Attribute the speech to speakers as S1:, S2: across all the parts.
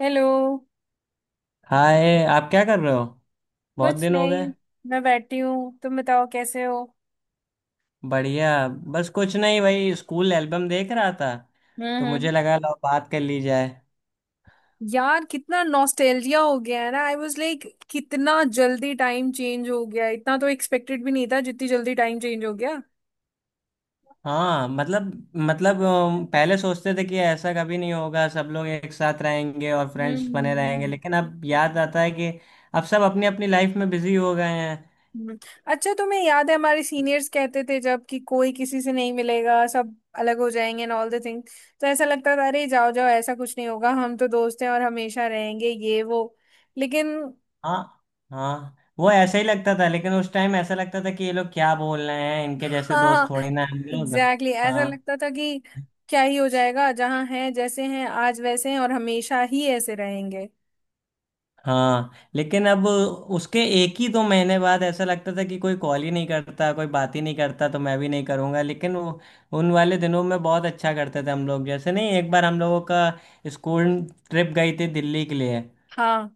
S1: Hello.
S2: Hi. आप क्या कर रहे हो? बहुत
S1: कुछ
S2: दिन हो
S1: नहीं।
S2: गए।
S1: मैं बैठी हूँ, तुम बताओ कैसे हो।
S2: बढ़िया। बस कुछ नहीं भाई, स्कूल एल्बम देख रहा था,
S1: हम्म,
S2: तो मुझे लगा लो बात कर ली जाए।
S1: यार, कितना नॉस्टैल्जिया हो गया है ना। आई वाज लाइक कितना जल्दी टाइम चेंज हो गया। इतना तो एक्सपेक्टेड भी नहीं था जितनी जल्दी टाइम चेंज हो गया।
S2: हाँ, मतलब पहले सोचते थे कि ऐसा कभी नहीं होगा, सब लोग एक साथ रहेंगे और
S1: हम्म,
S2: फ्रेंड्स बने रहेंगे,
S1: हम्म,
S2: लेकिन अब याद आता है कि अब सब अपनी अपनी लाइफ में बिजी हो गए हैं।
S1: हम्म। अच्छा, तुम्हें याद है हमारे सीनियर्स कहते थे जब कि कोई किसी से नहीं मिलेगा, सब अलग हो जाएंगे एंड ऑल द थिंग। तो ऐसा लगता था अरे जाओ जाओ, ऐसा कुछ नहीं होगा, हम तो दोस्त हैं और हमेशा रहेंगे ये वो। लेकिन।
S2: हाँ, हाँ, वो ऐसा ही लगता था, लेकिन उस टाइम ऐसा लगता था कि ये लोग क्या बोल रहे हैं, इनके जैसे
S1: हाँ,
S2: दोस्त थोड़ी ना हैं हम लोग।
S1: Exactly exactly. ऐसा
S2: हाँ,
S1: लगता था कि क्या ही हो जाएगा, जहाँ हैं जैसे हैं, आज वैसे हैं और हमेशा ही ऐसे रहेंगे।
S2: हाँ, लेकिन अब उसके एक ही दो महीने बाद ऐसा लगता था कि कोई कॉल ही नहीं करता, कोई बात ही नहीं करता, तो मैं भी नहीं करूँगा, लेकिन वो उन वाले दिनों में बहुत अच्छा करते थे हम लोग। जैसे नहीं, एक बार हम लोगों का स्कूल ट्रिप गई थी दिल्ली के लिए।
S1: हाँ,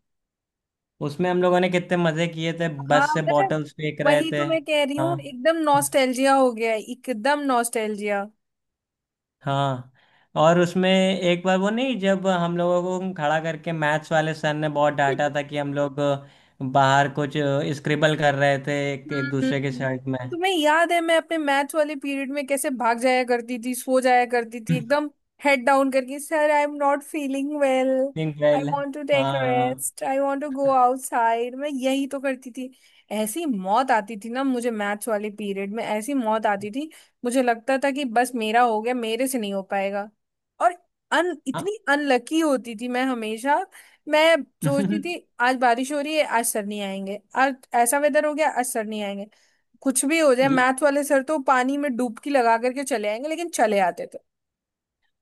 S2: उसमें हम लोगों ने कितने मज़े किए थे,
S1: हाँ,
S2: बस से
S1: मतलब
S2: बॉटल्स फेंक रहे
S1: वही
S2: थे।
S1: तो मैं कह रही
S2: हाँ,
S1: हूँ, एकदम नॉस्टैल्जिया हो गया है, एकदम नॉस्टैल्जिया।
S2: हाँ, और उसमें एक बार वो नहीं, जब हम लोगों को खड़ा करके मैथ्स वाले सर ने बहुत डांटा था कि हम लोग बाहर कुछ स्क्रिबल कर रहे थे एक
S1: हम्म,
S2: दूसरे के
S1: हम्म।
S2: शर्ट में।
S1: तुम्हें याद है मैं अपने मैथ्स वाले पीरियड में कैसे भाग जाया करती थी, सो जाया करती थी एकदम हेड डाउन करके, sir I am not feeling well. I
S2: इंक्रेल।
S1: वांट टू टेक
S2: हाँ,
S1: rest, I want to go outside. मैं यही तो करती थी। ऐसी मौत आती थी ना मुझे मैथ्स वाले पीरियड में, ऐसी मौत आती थी। मुझे लगता था कि बस मेरा हो गया, मेरे से नहीं हो पाएगा। और अन
S2: हाँ,
S1: इतनी अनलकी होती थी मैं हमेशा। मैं
S2: हाँ।
S1: सोचती थी आज बारिश हो रही है आज सर नहीं आएंगे, आज ऐसा वेदर हो गया आज सर नहीं आएंगे। कुछ भी हो जाए, मैथ वाले सर तो पानी में डुबकी लगा करके चले आएंगे, लेकिन चले आते थे।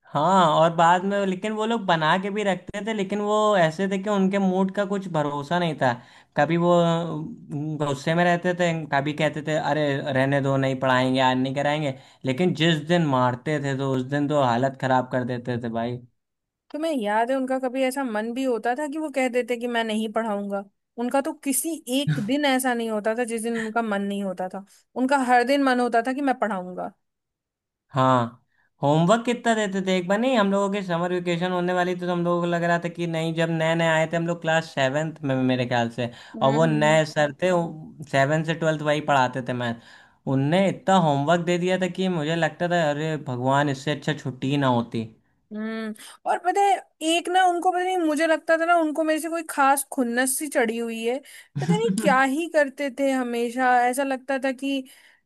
S2: हाँ, और बाद में लेकिन वो लोग बना के भी रखते थे, लेकिन वो ऐसे थे कि उनके मूड का कुछ भरोसा नहीं था। कभी वो गुस्से में रहते थे, कभी कहते थे अरे रहने दो, नहीं पढ़ाएंगे आज, नहीं कराएंगे। लेकिन जिस दिन मारते थे तो उस दिन तो हालत खराब कर देते थे भाई।
S1: तो मैं, याद है उनका कभी ऐसा मन भी होता था कि वो कह देते कि मैं नहीं पढ़ाऊंगा। उनका तो किसी एक दिन ऐसा नहीं होता था जिस दिन उनका मन नहीं होता था। उनका हर दिन मन होता था कि मैं पढ़ाऊंगा।
S2: हाँ, होमवर्क कितना देते थे! एक बार नहीं, हम लोगों के समर वेकेशन होने वाली थी, तो हम लोगों को लग रहा था कि नहीं, जब नए नए आए थे हम लोग क्लास सेवेंथ में मेरे ख्याल से, और वो
S1: हम्म,
S2: नए सर थे। सेवेंथ से ट्वेल्थ वही पढ़ाते थे मैथ। उनने इतना होमवर्क दे दिया था कि मुझे लगता था अरे भगवान, इससे अच्छा छुट्टी ही ना होती।
S1: हम्म। और पता है, एक ना, उनको पता नहीं, मुझे लगता था ना उनको मेरे से कोई खास खुन्नस सी चढ़ी हुई है। पता नहीं क्या ही करते थे, हमेशा ऐसा लगता था कि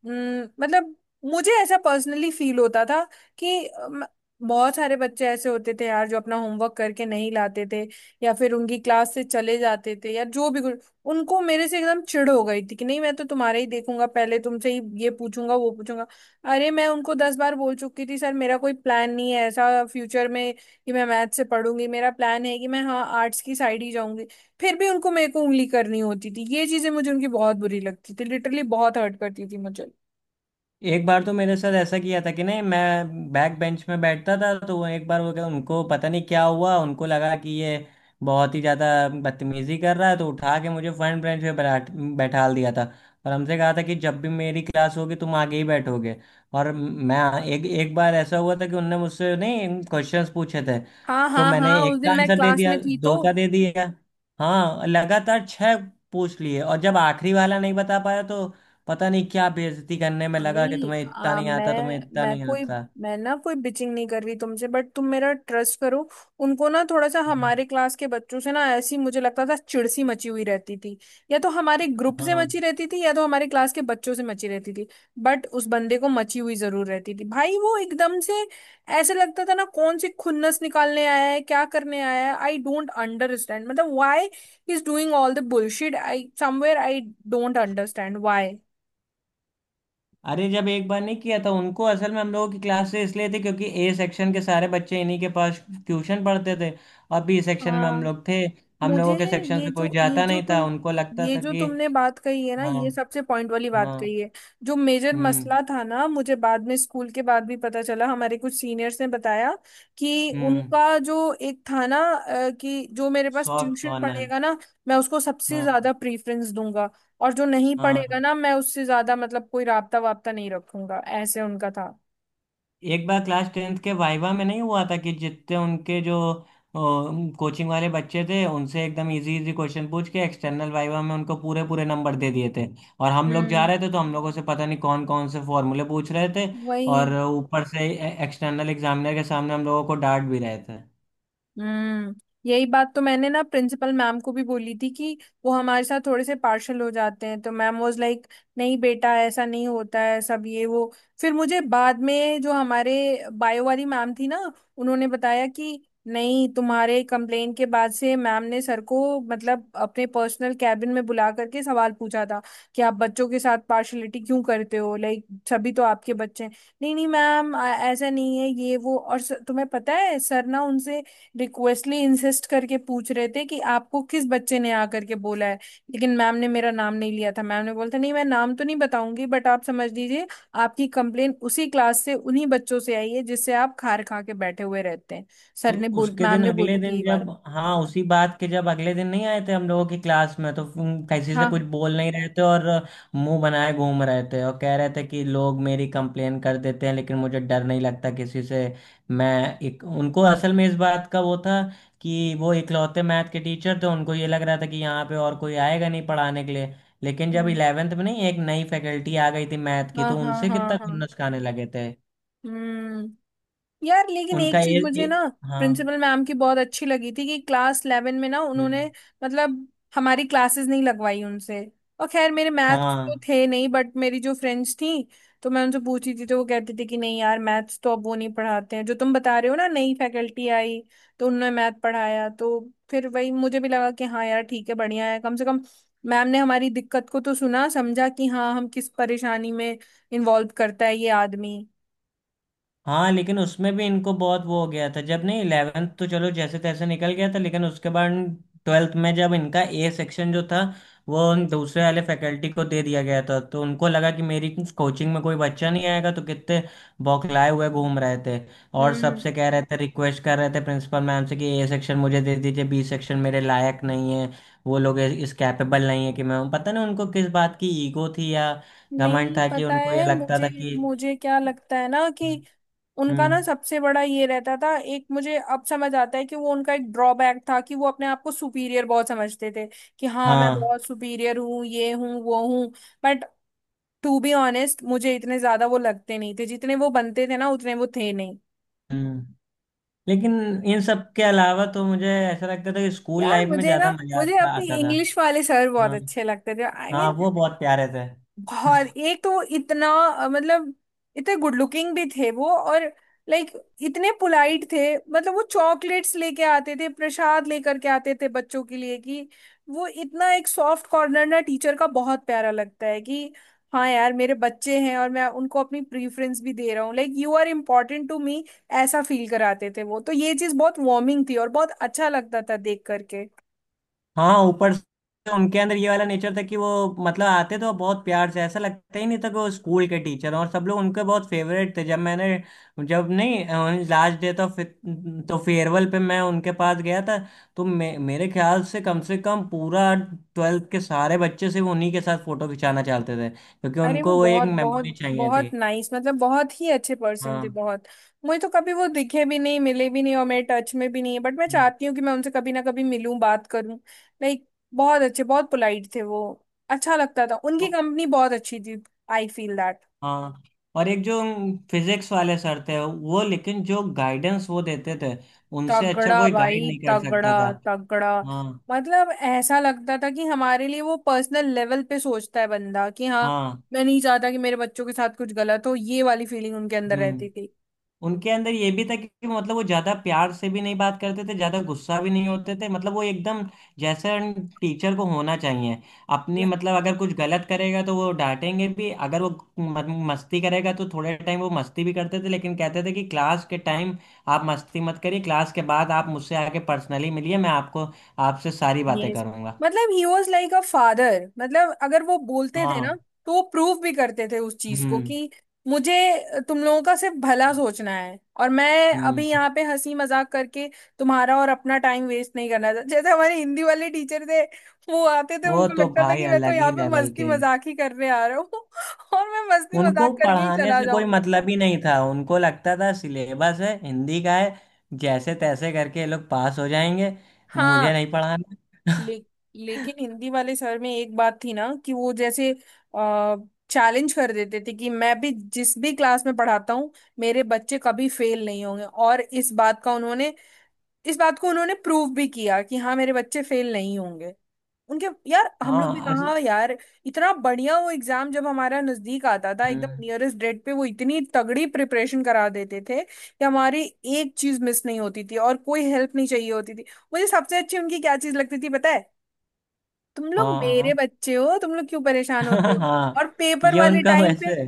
S1: मतलब मुझे ऐसा पर्सनली फील होता था कि बहुत सारे बच्चे ऐसे होते थे यार जो अपना होमवर्क करके नहीं लाते थे, या फिर उनकी क्लास से चले जाते थे या जो भी कुछ। उनको मेरे से एकदम चिढ़ हो गई थी कि नहीं, मैं तो तुम्हारा ही देखूंगा, पहले तुमसे ही ये पूछूंगा वो पूछूंगा। अरे मैं उनको 10 बार बोल चुकी थी, सर मेरा कोई प्लान नहीं है ऐसा फ्यूचर में कि मैं मैथ से पढ़ूंगी, मेरा प्लान है कि मैं, हाँ, आर्ट्स की साइड ही जाऊंगी। फिर भी उनको मेरे को उंगली करनी होती थी, ये चीजें मुझे उनकी बहुत बुरी लगती थी, लिटरली बहुत हर्ट करती थी मुझे।
S2: एक बार तो मेरे साथ ऐसा किया था कि नहीं, मैं बैक बेंच में बैठता था, तो वो एक बार, वो क्या उनको पता नहीं क्या हुआ, उनको लगा कि ये बहुत ही ज़्यादा बदतमीजी कर रहा है तो उठा के मुझे फ्रंट बेंच पे बैठाल दिया था। और हमसे कहा था कि जब भी मेरी क्लास होगी तुम आगे ही बैठोगे, और मैं एक एक बार ऐसा हुआ था कि उनने मुझसे नहीं क्वेश्चंस पूछे थे,
S1: हाँ,
S2: तो
S1: हाँ,
S2: मैंने
S1: हाँ, उस
S2: एक का
S1: दिन मैं
S2: आंसर दे
S1: क्लास
S2: दिया,
S1: में थी तो।
S2: दो का दे दिया। हाँ, लगातार छः पूछ लिए, और जब आखिरी वाला नहीं बता पाया तो पता नहीं क्या बेइज्जती करने में लगा कि
S1: भाई,
S2: तुम्हें इतना नहीं आता, तुम्हें इतना नहीं आता।
S1: मैं ना कोई बिचिंग नहीं कर रही तुमसे, बट तुम मेरा ट्रस्ट करो। उनको ना थोड़ा सा
S2: हम्म,
S1: हमारे क्लास के बच्चों से ना, ऐसी मुझे लगता था चिड़ सी मची हुई रहती थी। या तो हमारे ग्रुप से
S2: हाँ,
S1: मची रहती थी, या तो हमारे क्लास के बच्चों से मची रहती थी। बट उस बंदे को मची हुई जरूर रहती थी भाई, वो एकदम से ऐसे लगता था ना, कौन सी खुन्नस निकालने आया है, क्या करने आया है। आई डोंट अंडरस्टैंड मतलब why is doing all the bullshit. I somewhere, I don't understand why.
S2: अरे जब एक बार नहीं किया था, उनको असल में हम लोगों की क्लास से इसलिए थी क्योंकि ए सेक्शन के सारे बच्चे इन्हीं के पास ट्यूशन पढ़ते थे, और बी सेक्शन में हम
S1: हाँ,
S2: लोग थे। हम लोगों
S1: मुझे
S2: के सेक्शन
S1: ये
S2: से कोई
S1: जो ये
S2: जाता
S1: जो
S2: नहीं था,
S1: तुम
S2: उनको लगता
S1: ये
S2: था
S1: जो
S2: कि
S1: तुमने बात कही है ना,
S2: हाँ।
S1: ये सबसे पॉइंट वाली बात
S2: हाँ।
S1: कही है। जो मेजर
S2: हम्म।
S1: मसला था ना, मुझे बाद में स्कूल के बाद भी पता चला, हमारे कुछ सीनियर्स ने बताया कि
S2: हम्म।
S1: उनका जो एक था ना, कि जो मेरे पास
S2: सॉफ्ट
S1: ट्यूशन
S2: कॉर्नर।
S1: पढ़ेगा ना, मैं उसको सबसे
S2: हाँ।
S1: ज्यादा प्रीफरेंस दूंगा। और जो नहीं पढ़ेगा
S2: हाँ,
S1: ना, मैं उससे ज्यादा मतलब कोई राबता वाबता नहीं रखूंगा, ऐसे उनका था।
S2: एक बार क्लास टेंथ के वाइवा में नहीं हुआ था कि जितने उनके जो कोचिंग वाले बच्चे थे उनसे एकदम इजी इजी क्वेश्चन पूछ के एक्सटर्नल वाइवा में उनको पूरे पूरे नंबर दे दिए थे, और हम लोग जा
S1: हम्म,
S2: रहे थे तो हम लोगों से पता नहीं कौन कौन से फॉर्मूले पूछ रहे थे।
S1: वही,
S2: और ऊपर से एक्सटर्नल एग्जामिनर के सामने हम लोगों को डांट भी रहे थे।
S1: हम्म। यही बात तो मैंने ना प्रिंसिपल मैम को भी बोली थी कि वो हमारे साथ थोड़े से पार्शल हो जाते हैं, तो मैम वाज लाइक नहीं बेटा ऐसा नहीं होता है सब ये वो। फिर मुझे बाद में जो हमारे बायो वाली मैम थी ना, उन्होंने बताया कि नहीं तुम्हारे कंप्लेन के बाद से मैम ने सर को मतलब अपने पर्सनल कैबिन में बुला करके सवाल पूछा था कि आप बच्चों के साथ पार्शलिटी क्यों करते हो, लाइक सभी तो आपके बच्चे हैं। नहीं नहीं मैम, ऐसा नहीं है ये वो। और तुम्हें पता है सर ना उनसे रिक्वेस्टली इंसिस्ट करके पूछ रहे थे कि आपको किस बच्चे ने आकर के बोला है। लेकिन मैम ने मेरा नाम नहीं लिया था, मैम ने बोला था नहीं मैं नाम तो नहीं बताऊंगी, बट आप समझ लीजिए, आपकी कंप्लेन उसी क्लास से उन्हीं बच्चों से आई है जिससे आप खार खा के बैठे हुए रहते हैं।
S2: उ-
S1: सर ने बोल
S2: उसके
S1: मैम
S2: दिन,
S1: ने
S2: अगले
S1: बोली थी
S2: दिन,
S1: ये बात।
S2: जब हाँ, उसी बात के, जब अगले दिन नहीं आए थे हम लोगों की क्लास में, तो फिर किसी से कुछ
S1: हाँ,
S2: बोल नहीं रहे थे, और मुंह बनाए घूम रहे थे और कह रहे थे कि लोग मेरी कंप्लेन कर देते हैं लेकिन मुझे डर नहीं लगता किसी से। मैं एक उनको असल में इस बात का वो था कि वो इकलौते मैथ के टीचर थे, उनको ये लग रहा था कि यहाँ पे और कोई आएगा नहीं पढ़ाने के लिए। लेकिन जब
S1: हाँ,
S2: इलेवेंथ में नहीं एक नई फैकल्टी आ गई थी मैथ की,
S1: हाँ,
S2: तो
S1: हाँ,
S2: उनसे
S1: हाँ,
S2: कितना
S1: हाँ।
S2: खुन्नस खाने लगे थे।
S1: हम्म। यार लेकिन
S2: उनका
S1: एक चीज
S2: ये,
S1: मुझे
S2: ये
S1: ना
S2: हाँ।
S1: प्रिंसिपल मैम की बहुत अच्छी लगी थी कि क्लास 11 में ना उन्होंने,
S2: हम्म,
S1: मतलब, हमारी क्लासेस नहीं लगवाई उनसे। और खैर मेरे मैथ्स तो
S2: हाँ।
S1: थे नहीं, बट मेरी जो फ्रेंड्स थी, तो मैं उनसे पूछी थी तो वो कहती थी कि नहीं यार, मैथ्स तो अब वो नहीं पढ़ाते हैं जो तुम बता रहे हो ना, नई फैकल्टी आई तो उन्होंने मैथ पढ़ाया। तो फिर वही मुझे भी लगा कि हाँ यार ठीक है, बढ़िया है, कम से कम मैम ने हमारी दिक्कत को तो सुना समझा कि हाँ, हम किस परेशानी में इन्वॉल्व करता है ये आदमी।
S2: हाँ, लेकिन उसमें भी इनको बहुत वो हो गया था, जब नहीं इलेवेंथ तो चलो जैसे तैसे निकल गया था, लेकिन उसके बाद ट्वेल्थ में जब इनका ए सेक्शन जो था वो उन दूसरे वाले फैकल्टी को दे दिया गया था, तो उनको लगा कि मेरी कोचिंग में कोई बच्चा नहीं आएगा, तो कितने बौखलाए हुए घूम रहे थे। और
S1: हम्म।
S2: सबसे कह रहे थे, रिक्वेस्ट कर रहे थे प्रिंसिपल मैम से कि ए सेक्शन मुझे दे दीजिए, बी सेक्शन मेरे लायक नहीं है। वो लोग इस कैपेबल नहीं है कि मैं, पता नहीं उनको किस बात की ईगो थी या घमंड
S1: नहीं
S2: था कि
S1: पता
S2: उनको ये
S1: है,
S2: लगता था
S1: मुझे
S2: कि
S1: मुझे क्या लगता है ना कि उनका ना
S2: हम्म।
S1: सबसे बड़ा ये रहता था, एक मुझे अब समझ आता है कि वो उनका एक ड्रॉबैक था कि वो अपने आप को सुपीरियर बहुत समझते थे, कि हाँ मैं
S2: हाँ।
S1: बहुत सुपीरियर हूँ ये हूँ वो हूँ। बट टू बी ऑनेस्ट मुझे इतने ज्यादा वो लगते नहीं थे, जितने वो बनते थे ना उतने वो थे नहीं।
S2: हम्म। लेकिन इन सब के अलावा तो मुझे ऐसा लगता था कि स्कूल
S1: यार
S2: लाइफ में
S1: मुझे ना,
S2: ज्यादा मजा
S1: मुझे
S2: आता
S1: अपने
S2: आता था।
S1: इंग्लिश वाले सर बहुत
S2: हाँ।
S1: अच्छे लगते थे। आई I
S2: हाँ,
S1: मीन,
S2: वो बहुत प्यारे थे।
S1: और एक तो वो इतना, मतलब इतने गुड लुकिंग भी थे वो, और लाइक इतने पोलाइट थे। मतलब वो चॉकलेट्स लेके आते थे, प्रसाद लेकर के आते थे बच्चों के लिए, कि वो इतना एक सॉफ्ट कॉर्नर ना, टीचर का बहुत प्यारा लगता है कि हाँ यार मेरे बच्चे हैं और मैं उनको अपनी प्रीफरेंस भी दे रहा हूँ, like you are important to me. ऐसा फील कराते थे वो, तो ये चीज़ बहुत वार्मिंग थी और बहुत अच्छा लगता था देख करके।
S2: हाँ, ऊपर से उनके अंदर ये वाला नेचर था कि वो, मतलब, आते तो बहुत प्यार से, ऐसा लगता ही नहीं था कि वो स्कूल के टीचर, और सब लोग उनके बहुत फेवरेट थे। जब मैंने, जब नहीं लास्ट डे तो तो फेयरवेल पे मैं उनके पास गया था, तो मेरे ख्याल से कम पूरा ट्वेल्थ के सारे बच्चे सिर्फ उन्हीं के साथ फोटो खिंचाना चाहते थे, क्योंकि
S1: अरे वो
S2: उनको वो एक
S1: बहुत
S2: मेमोरी
S1: बहुत
S2: चाहिए थी।
S1: बहुत नाइस, मतलब बहुत ही अच्छे पर्सन थे,
S2: हाँ।
S1: बहुत। मुझे तो कभी वो दिखे भी नहीं, मिले भी नहीं, और मेरे टच में भी नहीं है, बट मैं
S2: हम्म।
S1: चाहती हूँ कि मैं उनसे कभी ना कभी मिलूं, बात करूं। लाइक बहुत अच्छे, बहुत पोलाइट थे वो। अच्छा लगता था, उनकी कंपनी बहुत अच्छी थी। I feel that.
S2: हाँ, और एक जो फिजिक्स वाले सर थे वो, लेकिन जो गाइडेंस वो देते थे उनसे अच्छा
S1: तगड़ा
S2: कोई गाइड
S1: भाई,
S2: नहीं कर
S1: तगड़ा
S2: सकता था।
S1: तगड़ा।
S2: हाँ।
S1: मतलब ऐसा लगता था कि हमारे लिए वो पर्सनल लेवल पे सोचता है बंदा, कि हाँ
S2: हाँ।
S1: मैं नहीं चाहता कि मेरे बच्चों के साथ कुछ गलत हो, ये वाली फीलिंग उनके अंदर
S2: हम्म।
S1: रहती थी।
S2: उनके अंदर ये भी था कि, मतलब, वो ज्यादा प्यार से भी नहीं बात करते थे, ज्यादा गुस्सा भी नहीं होते थे, मतलब वो एकदम जैसे टीचर को होना चाहिए। अपनी, मतलब, अगर कुछ गलत करेगा तो वो डांटेंगे भी, अगर वो मस्ती करेगा तो थोड़े टाइम वो मस्ती भी करते थे, लेकिन कहते थे कि क्लास के टाइम आप मस्ती मत करिए, क्लास के बाद आप मुझसे आके पर्सनली मिलिए, मैं आपको आपसे सारी बातें
S1: यस,
S2: करूंगा।
S1: मतलब ही वॉज लाइक अ फादर। मतलब अगर वो बोलते थे
S2: हाँ।
S1: ना, तो वो प्रूव भी करते थे उस चीज को,
S2: हम्म।
S1: कि मुझे तुम लोगों का सिर्फ भला सोचना है और मैं अभी
S2: हम्म।
S1: यहाँ पे हंसी मजाक करके तुम्हारा और अपना टाइम वेस्ट नहीं करना था, जैसे हमारे हिंदी वाले टीचर थे। वो आते थे,
S2: वो
S1: उनको
S2: तो
S1: लगता था
S2: भाई
S1: कि मैं तो
S2: अलग
S1: यहाँ
S2: ही
S1: पे
S2: लेवल
S1: मस्ती
S2: के।
S1: मजाक ही करने आ रहा हूँ और मैं मस्ती
S2: उनको
S1: मजाक करके ही
S2: पढ़ाने
S1: चला
S2: से कोई
S1: जाऊंगा।
S2: मतलब ही नहीं था, उनको लगता था सिलेबस है, हिंदी का है, जैसे तैसे करके ये लोग पास हो जाएंगे, मुझे
S1: हाँ,
S2: नहीं पढ़ाना।
S1: ले, लेकिन हिंदी वाले सर में एक बात थी ना कि वो जैसे आ, चैलेंज कर देते थे कि मैं भी जिस भी क्लास में पढ़ाता हूँ मेरे बच्चे कभी फेल नहीं होंगे, और इस बात को उन्होंने प्रूव भी किया कि हाँ मेरे बच्चे फेल नहीं होंगे। उनके यार हम लोग भी
S2: हाँ।
S1: कहाँ यार, इतना बढ़िया वो एग्जाम जब हमारा नजदीक आता था, एकदम
S2: हम्म,
S1: नियरेस्ट डेट पे वो इतनी तगड़ी प्रिपरेशन करा देते थे कि हमारी एक चीज मिस नहीं होती थी और कोई हेल्प नहीं चाहिए होती थी। मुझे सबसे अच्छी उनकी क्या चीज लगती थी पता है, तुम लोग
S2: हाँ,
S1: मेरे
S2: हाँ।
S1: बच्चे हो, तुम लोग क्यों परेशान होते हो। और
S2: हाँ,
S1: पेपर
S2: ये
S1: वाले
S2: उनका
S1: टाइम पे
S2: वैसे है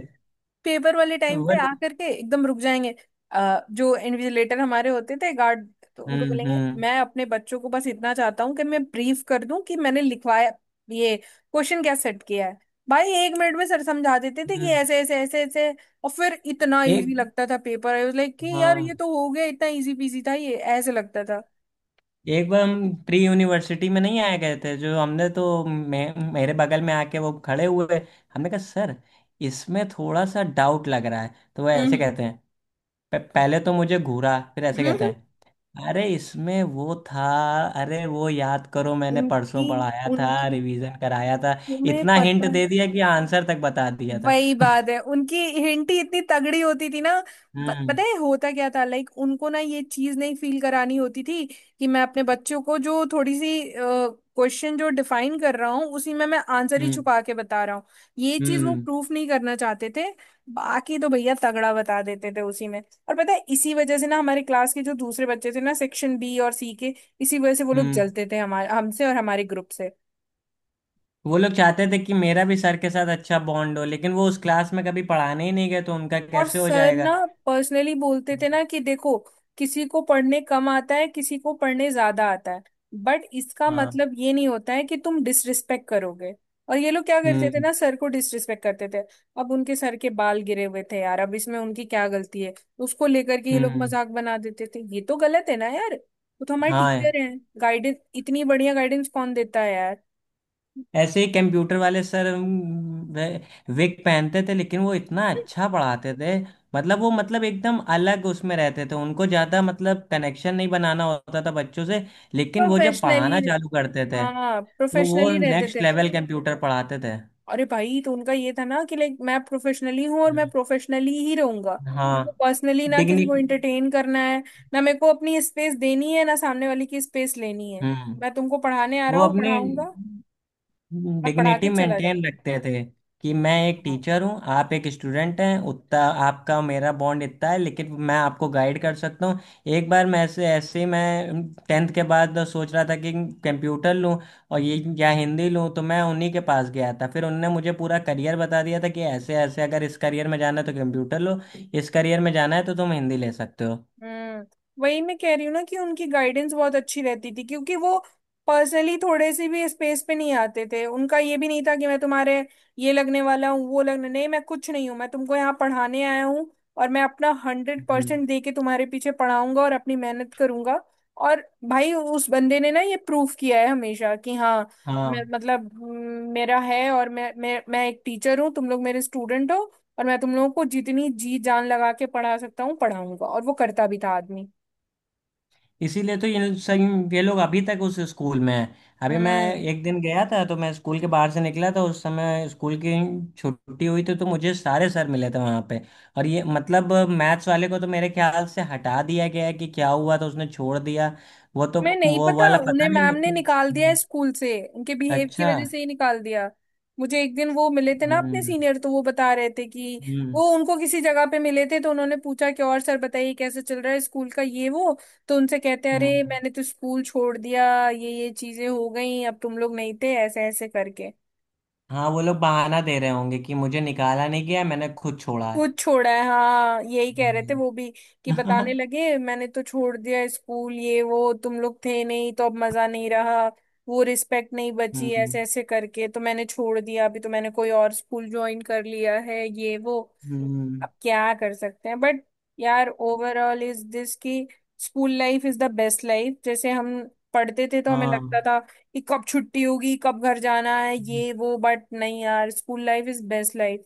S1: पेपर वाले टाइम
S2: वो।
S1: पे आकर के एकदम रुक जाएंगे। जो इन्विजिलेटर हमारे होते थे, गार्ड, तो उनको
S2: हम्म।
S1: बोलेंगे
S2: हम्म।
S1: मैं अपने बच्चों को बस इतना चाहता हूँ कि मैं ब्रीफ कर दूं कि मैंने लिखवाया ये क्वेश्चन क्या सेट किया है। भाई एक मिनट में सर समझा देते थे कि
S2: हम्म,
S1: ऐसे ऐसे ऐसे ऐसे, और फिर इतना
S2: एक
S1: इजी लगता था पेपर, आई वाज लाइक कि यार
S2: हाँ,
S1: ये तो हो गया, इतना इजी पीजी था ये, ऐसे लगता था।
S2: एक बार हम प्री यूनिवर्सिटी में नहीं आए गए थे जो हमने, तो मेरे बगल में आके वो खड़े हुए। हमने कहा सर, इसमें थोड़ा सा डाउट लग रहा है, तो वो ऐसे
S1: हम्म,
S2: कहते हैं, पहले तो मुझे घूरा, फिर ऐसे
S1: हम्म,
S2: कहते हैं, अरे इसमें वो था, अरे वो याद करो मैंने
S1: हम्म। उनकी
S2: परसों पढ़ाया था,
S1: उनकी
S2: रिवीजन कराया था।
S1: तुम्हें
S2: इतना हिंट
S1: पता,
S2: दे दिया कि आंसर तक बता दिया था।
S1: वही बात है उनकी, हिंट ही इतनी तगड़ी होती थी ना।
S2: हम्म।
S1: पता है होता क्या था, लाइक उनको ना ये चीज नहीं फील करानी होती थी कि मैं अपने बच्चों को जो थोड़ी सी क्वेश्चन जो डिफाइन कर रहा हूँ उसी में मैं आंसर ही
S2: हम्म।
S1: छुपा के बता रहा हूँ। ये चीज वो
S2: हम्म।
S1: प्रूफ नहीं करना चाहते थे। बाकी तो भैया तगड़ा बता देते थे उसी में। और पता है इसी वजह से ना हमारे क्लास के जो दूसरे बच्चे थे ना सेक्शन बी और सी के, इसी वजह से वो लोग
S2: हम्म।
S1: जलते थे हमारे हमसे और हमारे ग्रुप से।
S2: वो लोग चाहते थे कि मेरा भी सर के साथ अच्छा बॉन्ड हो, लेकिन वो उस क्लास में कभी पढ़ाने ही नहीं गए तो उनका
S1: और
S2: कैसे हो
S1: सर
S2: जाएगा।
S1: ना पर्सनली बोलते थे ना कि देखो, किसी को पढ़ने कम आता है किसी को पढ़ने ज्यादा आता है। बट इसका
S2: हाँ।
S1: मतलब ये नहीं होता है कि तुम डिसरिस्पेक्ट करोगे। और ये लोग क्या करते थे
S2: हम्म।
S1: ना, सर को डिसरिस्पेक्ट करते थे। अब उनके सर के बाल गिरे हुए थे यार, अब इसमें उनकी क्या गलती है। उसको लेकर के ये लोग
S2: हम्म।
S1: मजाक बना देते थे, ये तो गलत है ना यार, वो तो हमारे
S2: हाँ,
S1: टीचर हैं, गाइडेंस इतनी बढ़िया गाइडेंस कौन देता है यार।
S2: ऐसे ही कंप्यूटर वाले सर, विग पहनते थे, लेकिन वो इतना अच्छा पढ़ाते थे, मतलब वो, मतलब, एकदम अलग उसमें रहते थे, उनको ज़्यादा, मतलब, कनेक्शन नहीं बनाना होता था बच्चों से। लेकिन वो जब
S1: प्रोफेशनली।
S2: पढ़ाना चालू करते थे
S1: हाँ
S2: तो वो
S1: प्रोफेशनली रहते
S2: नेक्स्ट
S1: थे।
S2: लेवल कंप्यूटर पढ़ाते थे।
S1: अरे भाई तो उनका ये था ना कि लाइक मैं प्रोफेशनली हूँ और मैं
S2: हम्म।
S1: प्रोफेशनली ही रहूंगा। क्योंकि
S2: हाँ।
S1: पर्सनली ना किसी को
S2: डिग्निक
S1: एंटरटेन करना है, ना मेरे को अपनी स्पेस देनी है ना सामने वाले की स्पेस लेनी है।
S2: हम्म,
S1: मैं तुमको पढ़ाने आ
S2: वो
S1: रहा हूँ,
S2: अपनी
S1: पढ़ाऊंगा और पढ़ा
S2: डिग्निटी
S1: के चला
S2: मेंटेन
S1: जाऊंगा।
S2: रखते थे कि मैं एक टीचर हूँ, आप एक स्टूडेंट हैं, उतना आपका मेरा बॉन्ड इतना है, लेकिन मैं आपको गाइड कर सकता हूँ। एक बार मैं ऐसे ऐसे ही मैं टेंथ के बाद सोच रहा था कि कंप्यूटर लूँ और ये, या हिंदी लूँ, तो मैं उन्हीं के पास गया था, फिर उनने मुझे पूरा करियर बता दिया था कि ऐसे ऐसे अगर इस करियर में जाना है तो कंप्यूटर लो, इस करियर में जाना है तो तुम हिंदी ले सकते हो।
S1: हम्म। वही मैं कह रही हूँ ना कि उनकी गाइडेंस बहुत अच्छी रहती थी क्योंकि वो पर्सनली थोड़े से भी स्पेस पे नहीं आते थे। उनका ये भी नहीं था कि मैं तुम्हारे ये लगने वाला हूँ वो लगने, नहीं मैं कुछ नहीं हूँ, मैं तुमको यहाँ पढ़ाने आया हूँ। और मैं अपना हंड्रेड
S2: हम्म।
S1: परसेंट दे के तुम्हारे पीछे पढ़ाऊंगा और अपनी मेहनत करूंगा। और भाई उस बंदे ने ना ये प्रूफ किया है हमेशा कि हाँ, मैं
S2: हाँ।
S1: मतलब मेरा है और मैं एक टीचर हूँ, तुम लोग मेरे स्टूडेंट हो। और मैं तुम लोगों को जितनी जी जान लगा के पढ़ा सकता हूँ पढ़ाऊंगा, और वो करता भी था आदमी।
S2: इसीलिए तो ये सब ये लोग अभी तक उस स्कूल में हैं। अभी मैं
S1: हम्म।
S2: एक दिन गया था तो मैं स्कूल के बाहर से निकला था, उस समय स्कूल की छुट्टी हुई थी तो मुझे सारे सर मिले थे वहाँ पे, और ये मतलब मैथ्स वाले को तो मेरे ख्याल से हटा दिया गया है कि क्या हुआ, तो उसने छोड़ दिया। वो तो
S1: मैं नहीं
S2: वो
S1: पता,
S2: वाला
S1: उन्हें
S2: पता नहीं,
S1: मैम ने
S2: लेकिन
S1: निकाल दिया है
S2: हम्म।
S1: स्कूल से, उनके बिहेव की
S2: अच्छा।
S1: वजह से ही निकाल दिया। मुझे एक दिन वो मिले थे ना अपने
S2: हम्म।
S1: सीनियर, तो वो बता रहे थे कि
S2: हम्म।
S1: वो उनको किसी जगह पे मिले थे तो उन्होंने पूछा कि और सर बताइए कैसे चल रहा है स्कूल का ये वो। तो उनसे कहते हैं अरे
S2: हम्म।
S1: मैंने तो स्कूल छोड़ दिया, ये चीजें हो गई, अब तुम लोग नहीं थे ऐसे ऐसे करके।
S2: हाँ, वो लोग बहाना दे रहे होंगे कि मुझे निकाला नहीं गया, मैंने खुद छोड़ा है।
S1: कुछ छोड़ा है, हाँ यही कह रहे थे वो
S2: हम्म।
S1: भी, कि बताने लगे मैंने तो छोड़ दिया स्कूल ये वो, तुम लोग थे नहीं तो अब मजा नहीं रहा, वो रिस्पेक्ट नहीं बची
S2: हम्म।
S1: ऐसे ऐसे करके तो मैंने छोड़ दिया, अभी तो मैंने कोई और स्कूल ज्वाइन कर लिया है ये वो।
S2: हम्म,
S1: अब क्या कर सकते हैं। बट यार ओवरऑल इज दिस कि school life is the best life. जैसे हम पढ़ते थे तो हमें
S2: हाँ,
S1: लगता था कि कब छुट्टी होगी कब घर जाना है ये वो, बट नहीं यार school life is best life,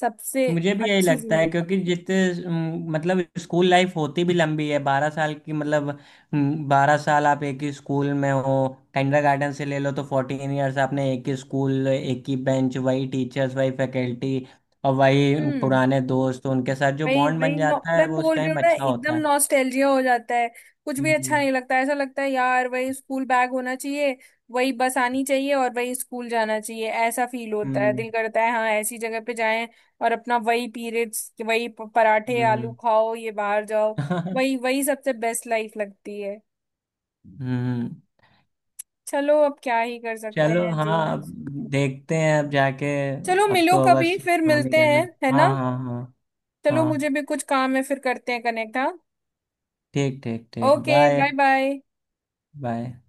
S1: सबसे
S2: मुझे भी यही
S1: अच्छी
S2: लगता
S1: जिंदगी।
S2: है, क्योंकि जितने मतलब स्कूल लाइफ होती भी लंबी है 12 साल की, मतलब 12 साल आप एक ही स्कूल में हो। गार्डन से ले लो तो 14 इयर्स आपने एक ही स्कूल, एक ही बेंच, वही टीचर्स, वही फैकल्टी और वही
S1: हम्म।
S2: पुराने दोस्त, तो उनके साथ जो
S1: वही
S2: बॉन्ड
S1: वही
S2: बन
S1: नौ,
S2: जाता
S1: मैं
S2: है वो उस
S1: बोल रही हूँ
S2: टाइम
S1: ना,
S2: अच्छा
S1: एकदम
S2: होता है।
S1: नॉस्टैल्जिया हो जाता है। कुछ भी अच्छा
S2: हम्म।
S1: नहीं लगता, ऐसा लगता है यार वही स्कूल बैग होना चाहिए, वही बस आनी चाहिए और वही स्कूल जाना चाहिए, ऐसा फील होता है,
S2: हम्म।
S1: दिल करता है हाँ ऐसी जगह पे जाएं। और अपना वही पीरियड्स वही पराठे आलू
S2: हम्म।
S1: खाओ ये बाहर जाओ। वही वही सबसे बेस्ट लाइफ लगती है।
S2: हम्म।
S1: चलो अब क्या ही कर सकते
S2: चलो।
S1: हैं जो
S2: हाँ,
S1: है।
S2: अब देखते हैं अब जाके।
S1: चलो
S2: अब
S1: मिलो
S2: तो बस
S1: कभी, फिर
S2: काम ही
S1: मिलते
S2: करना
S1: हैं
S2: है।
S1: है ना।
S2: हाँ, हाँ, हाँ।
S1: चलो
S2: हाँ,
S1: मुझे भी कुछ काम है, फिर करते हैं कनेक्ट, हाँ।
S2: ठीक, ठीक, ठीक।
S1: Okay
S2: bye.
S1: Bye bye.
S2: Bye.